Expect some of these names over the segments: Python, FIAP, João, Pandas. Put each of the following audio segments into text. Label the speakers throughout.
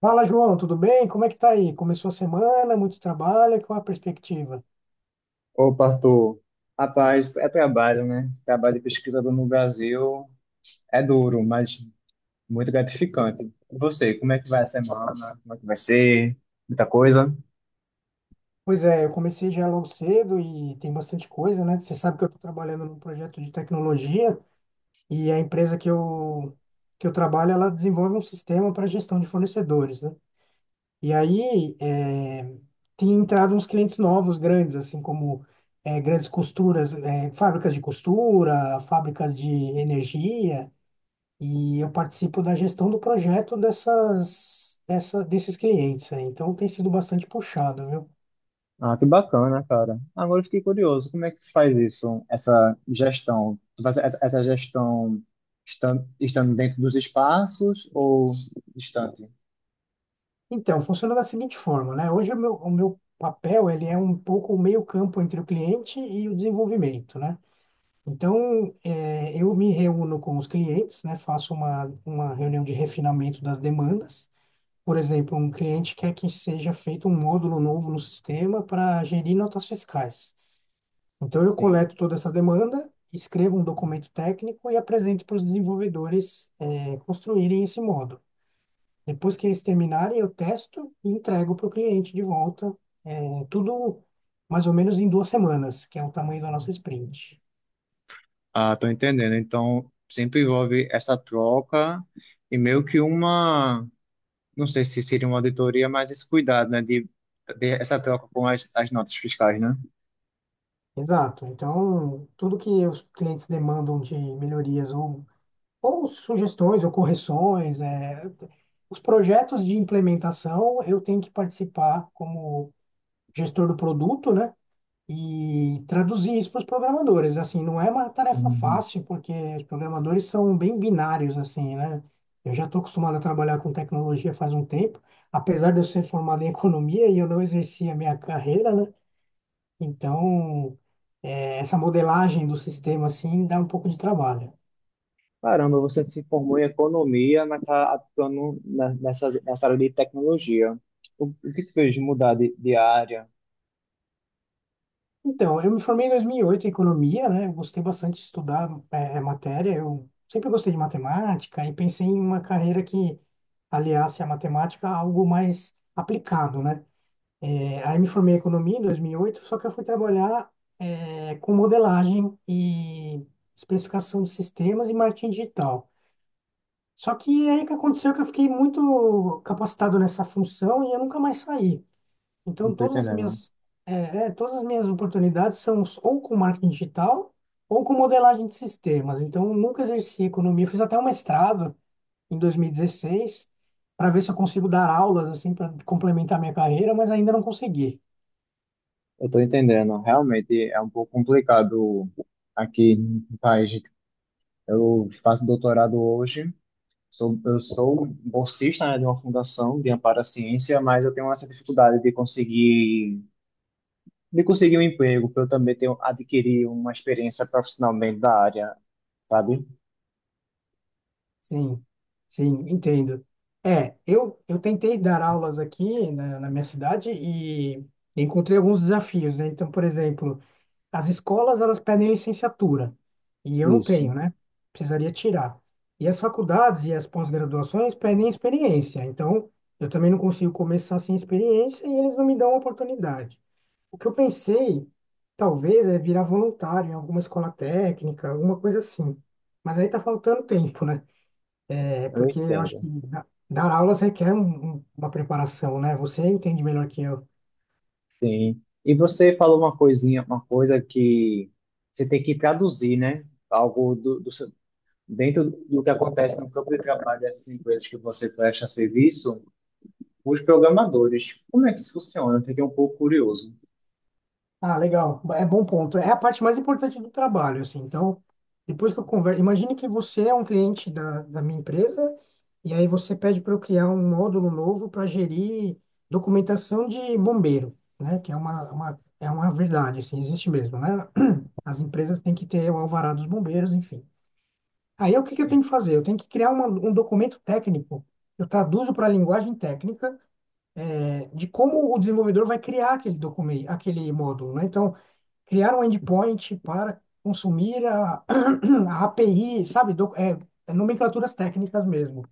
Speaker 1: Fala, João, tudo bem? Como é que tá aí? Começou a semana, muito trabalho, qual a perspectiva?
Speaker 2: Opa, Arthur. Rapaz, é trabalho, né? Trabalho de pesquisador no Brasil é duro, mas muito gratificante. E você, como é que vai a semana? Como é que vai ser? Muita coisa?
Speaker 1: Pois é, eu comecei já logo cedo e tem bastante coisa, né? Você sabe que eu estou trabalhando num projeto de tecnologia e a empresa que eu trabalho, ela desenvolve um sistema para gestão de fornecedores, né? E aí, tem entrado uns clientes novos, grandes, assim como grandes costuras, fábricas de costura, fábricas de energia. E eu participo da gestão do projeto desses clientes aí. Então tem sido bastante puxado, viu?
Speaker 2: Ah, que bacana, cara. Agora eu fiquei curioso, como é que faz isso, essa gestão? Tu faz essa gestão estando dentro dos espaços ou distante?
Speaker 1: Então, funciona da seguinte forma, né? Hoje o meu papel, ele é um pouco o meio-campo entre o cliente e o desenvolvimento, né? Então, eu me reúno com os clientes, né? Faço uma reunião de refinamento das demandas. Por exemplo, um cliente quer que seja feito um módulo novo no sistema para gerir notas fiscais. Então, eu
Speaker 2: Sim.
Speaker 1: coleto toda essa demanda, escrevo um documento técnico e apresento para os desenvolvedores, construírem esse módulo. Depois que eles terminarem, eu testo e entrego para o cliente de volta, tudo mais ou menos em 2 semanas, que é o tamanho da nossa sprint.
Speaker 2: Ah, tô entendendo. Então, sempre envolve essa troca e meio que uma não sei se seria uma auditoria, mas esse cuidado, né, de essa troca com as notas fiscais, né?
Speaker 1: Exato. Então, tudo que os clientes demandam de melhorias ou sugestões ou correções, os projetos de implementação, eu tenho que participar como gestor do produto, né? E traduzir isso para os programadores. Assim, não é uma tarefa
Speaker 2: Uhum.
Speaker 1: fácil, porque os programadores são bem binários, assim, né? Eu já estou acostumado a trabalhar com tecnologia faz um tempo, apesar de eu ser formado em economia e eu não exerci a minha carreira, né? Então, essa modelagem do sistema, assim, dá um pouco de trabalho.
Speaker 2: Caramba, você se formou em economia, mas está atuando nessa, nessa área de tecnologia. O que te fez mudar de área?
Speaker 1: Então, eu me formei em 2008 em economia, né? Eu gostei bastante de estudar matéria. Eu sempre gostei de matemática e pensei em uma carreira que aliasse a matemática a algo mais aplicado, né? É, aí me formei em economia em 2008, só que eu fui trabalhar com modelagem e especificação de sistemas e marketing digital. Só que aí que aconteceu é que eu fiquei muito capacitado nessa função e eu nunca mais saí.
Speaker 2: Não
Speaker 1: Então,
Speaker 2: estou entendendo.
Speaker 1: é, todas as minhas oportunidades são ou com marketing digital ou com modelagem de sistemas. Então, eu nunca exerci economia. Eu fiz até um mestrado em 2016 para ver se eu consigo dar aulas assim para complementar minha carreira, mas ainda não consegui.
Speaker 2: Eu estou entendendo. Realmente é um pouco complicado aqui no país. Eu faço doutorado hoje. Sou, eu sou um bolsista, né, de uma fundação de amparo à ciência, mas eu tenho essa dificuldade de conseguir um emprego, para eu também ter, um, adquirir uma experiência profissionalmente da área, sabe?
Speaker 1: Sim, sim, entendo. É, eu tentei dar aulas aqui na minha cidade e encontrei alguns desafios, né? Então, por exemplo, as escolas, elas pedem licenciatura, e eu não
Speaker 2: Isso,
Speaker 1: tenho, né? Precisaria tirar. E as faculdades e as pós-graduações pedem experiência, então eu também não consigo começar sem experiência e eles não me dão a oportunidade. O que eu pensei, talvez, é virar voluntário em alguma escola técnica, alguma coisa assim. Mas aí tá faltando tempo, né? É
Speaker 2: eu
Speaker 1: porque eu acho
Speaker 2: entendo.
Speaker 1: que dar aulas requer uma preparação, né? Você entende melhor que eu.
Speaker 2: Sim. E você falou uma coisinha, uma coisa que você tem que traduzir, né? Algo do dentro do que acontece no campo de trabalho dessas empresas que você presta serviço, os programadores. Como é que isso funciona? Eu fiquei um pouco curioso.
Speaker 1: Ah, legal. É bom ponto. É a parte mais importante do trabalho, assim. Então, depois que eu converso, imagine que você é um cliente da minha empresa e aí você pede para eu criar um módulo novo para gerir documentação de bombeiro, né? Que é é uma verdade, assim, existe mesmo, né? As empresas têm que ter o alvará dos bombeiros, enfim. Aí, o que que eu tenho
Speaker 2: Sim.
Speaker 1: que fazer? Eu tenho que criar um documento técnico. Eu traduzo para a linguagem técnica de como o desenvolvedor vai criar aquele documento, aquele módulo, né? Então, criar um endpoint para consumir a, a API, sabe? É nomenclaturas técnicas mesmo.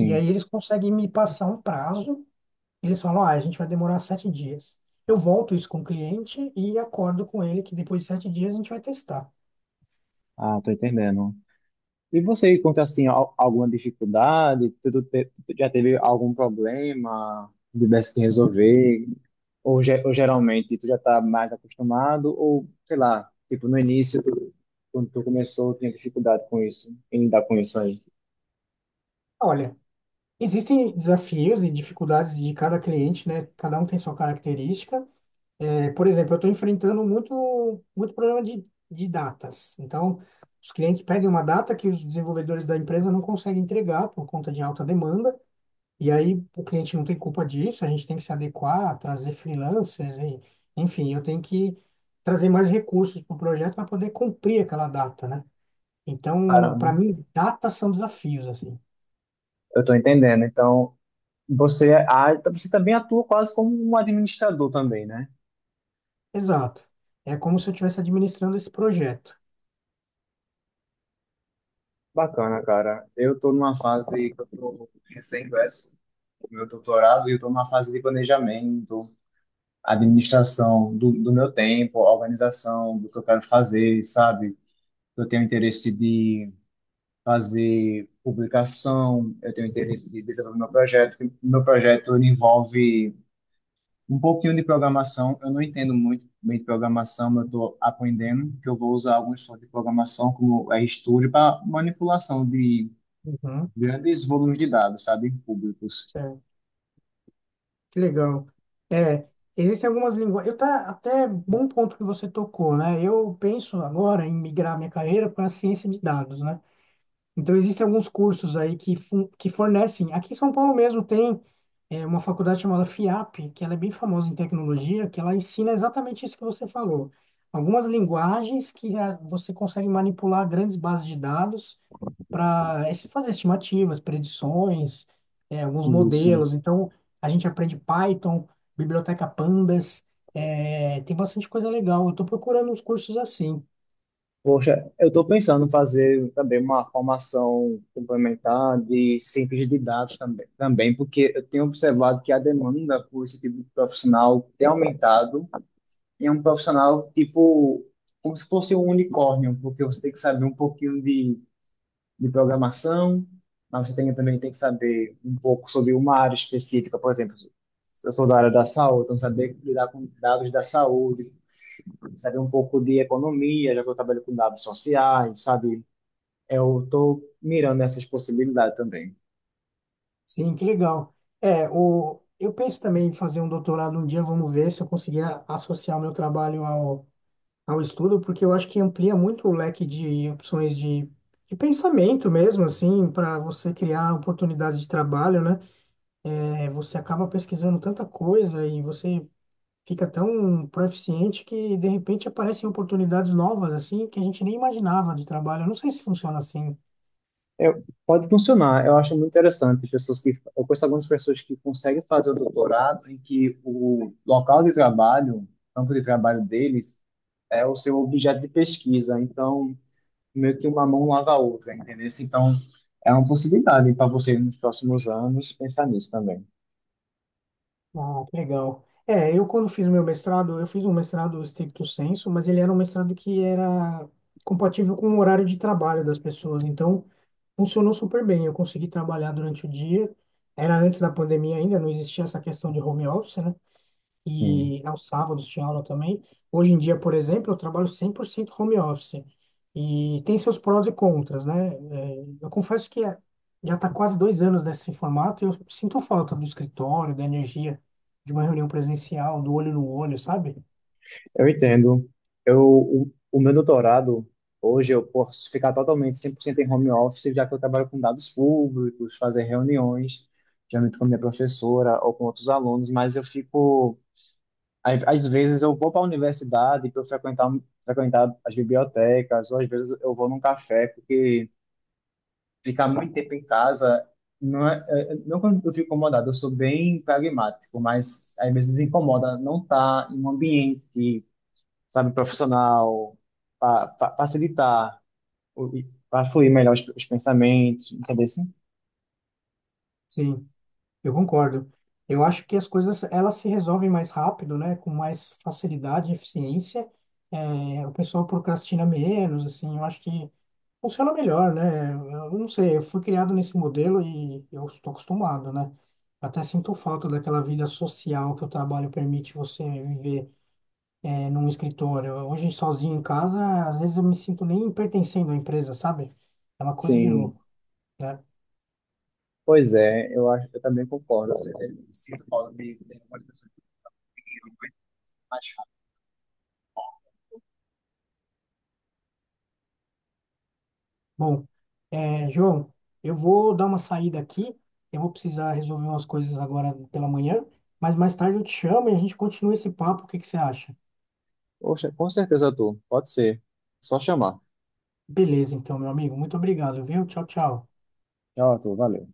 Speaker 1: E aí eles conseguem me passar um prazo, eles falam, ah, a gente vai demorar 7 dias. Eu volto isso com o cliente e acordo com ele que depois de 7 dias a gente vai testar.
Speaker 2: Ah, tô entendendo. E você encontra assim alguma dificuldade? Já teve algum problema que tivesse que resolver? Ou, ou geralmente tu já está mais acostumado? Ou sei lá, tipo no início, quando tu começou, tinha dificuldade com isso, em lidar com isso aí?
Speaker 1: Olha, existem desafios e dificuldades de cada cliente, né? Cada um tem sua característica. É, por exemplo, eu estou enfrentando muito, muito problema de datas. Então, os clientes pedem uma data que os desenvolvedores da empresa não conseguem entregar por conta de alta demanda, e aí o cliente não tem culpa disso, a gente tem que se adequar, trazer freelancers, e, enfim, eu tenho que trazer mais recursos para o projeto para poder cumprir aquela data, né? Então, para
Speaker 2: Caramba,
Speaker 1: mim, datas são desafios, assim.
Speaker 2: eu tô entendendo. Então você, é, então você também atua quase como um administrador também, né?
Speaker 1: Exato. É como se eu estivesse administrando esse projeto.
Speaker 2: Bacana, cara. Eu tô numa fase que eu tô recém-verso. Meu doutorado e eu tô numa fase de planejamento, a administração do meu tempo, a organização do que eu quero fazer, sabe? Eu tenho interesse de fazer publicação, eu tenho interesse de desenvolver meu projeto. Meu projeto ele envolve um pouquinho de programação. Eu não entendo muito bem de programação, mas eu estou aprendendo que eu vou usar alguns softwares de programação, como o RStudio, para manipulação de
Speaker 1: Uhum.
Speaker 2: grandes volumes de dados, sabe, públicos.
Speaker 1: Certo. Que legal. É, existem algumas linguagens. Eu, tá, até bom ponto que você tocou, né? Eu penso agora em migrar minha carreira para a ciência de dados, né? Então existem alguns cursos aí que, que fornecem. Aqui em São Paulo mesmo tem uma faculdade chamada FIAP, que ela é bem famosa em tecnologia, que ela ensina exatamente isso que você falou. Algumas linguagens que você consegue manipular grandes bases de dados para fazer estimativas, predições, alguns
Speaker 2: É isso.
Speaker 1: modelos. Então, a gente aprende Python, biblioteca Pandas, tem bastante coisa legal. Eu estou procurando uns cursos assim.
Speaker 2: Poxa, eu estou pensando em fazer também uma formação complementar de ciência de dados também, também, porque eu tenho observado que a demanda por esse tipo de profissional tem aumentado. E é um profissional tipo como se fosse um unicórnio, porque você tem que saber um pouquinho de programação, mas você tem, também tem que saber um pouco sobre uma área específica, por exemplo, se eu sou da área da saúde, então saber lidar com dados da saúde, saber um pouco de economia, já que eu trabalho com dados sociais, sabe? Eu estou mirando essas possibilidades também.
Speaker 1: Sim, que legal. É, eu penso também em fazer um doutorado um dia, vamos ver se eu conseguir associar o meu trabalho ao estudo, porque eu acho que amplia muito o leque de opções de pensamento mesmo, assim, para você criar oportunidades de trabalho, né? É, você acaba pesquisando tanta coisa e você fica tão proficiente que de repente aparecem oportunidades novas assim que a gente nem imaginava de trabalho. Eu não sei se funciona assim.
Speaker 2: Eu- pode funcionar, eu acho muito interessante pessoas que eu conheço algumas pessoas que conseguem fazer o doutorado em que o local de trabalho, campo de trabalho deles é o seu objeto de pesquisa, então meio que uma mão lava a outra, entendeu? Então é uma possibilidade para você nos próximos anos pensar nisso também.
Speaker 1: Ah, que legal. É, eu quando fiz meu mestrado, eu fiz um mestrado stricto sensu, mas ele era um mestrado que era compatível com o horário de trabalho das pessoas. Então, funcionou super bem. Eu consegui trabalhar durante o dia. Era antes da pandemia ainda, não existia essa questão de home office, né?
Speaker 2: Sim.
Speaker 1: E aos sábados tinha aula também. Hoje em dia, por exemplo, eu trabalho 100% home office e tem seus prós e contras, né? Eu confesso que já está quase 2 anos nesse formato e eu sinto falta do escritório, da energia de uma reunião presencial, do olho no olho, sabe?
Speaker 2: Eu entendo. O meu doutorado, hoje eu posso ficar totalmente 100% em home office, já que eu trabalho com dados públicos, fazer reuniões, geralmente com a minha professora ou com outros alunos, mas eu fico. Às vezes eu vou para a universidade para eu frequentar, frequentar as bibliotecas, ou às vezes eu vou num café, porque ficar muito tempo em casa. Não, não quando eu fico incomodado, eu sou bem pragmático, mas às vezes incomoda não estar em um ambiente sabe, profissional, para facilitar, para fluir melhor os pensamentos, entendeu? Sim,
Speaker 1: Sim. Eu concordo. Eu acho que as coisas elas se resolvem mais rápido, né? Com mais facilidade e eficiência. É, o pessoal procrastina menos, assim. Eu acho que funciona melhor, né? Eu não sei, eu fui criado nesse modelo e eu estou acostumado, né? Até sinto falta daquela vida social que o trabalho permite você viver num escritório. Hoje, sozinho em casa, às vezes eu me sinto nem pertencendo à empresa, sabe? É uma coisa de
Speaker 2: sim.
Speaker 1: louco, né?
Speaker 2: Pois é, eu acho, eu também concordo. Você sinto falta de ter uma pessoa que eu mais rápido.
Speaker 1: Bom, João, eu vou dar uma saída aqui. Eu vou precisar resolver umas coisas agora pela manhã, mas mais tarde eu te chamo e a gente continua esse papo. O que que você acha?
Speaker 2: Poxa, com certeza, tu pode ser, só chamar.
Speaker 1: Beleza, então, meu amigo. Muito obrigado, viu? Tchau, tchau.
Speaker 2: Tchau, Arthur, valeu.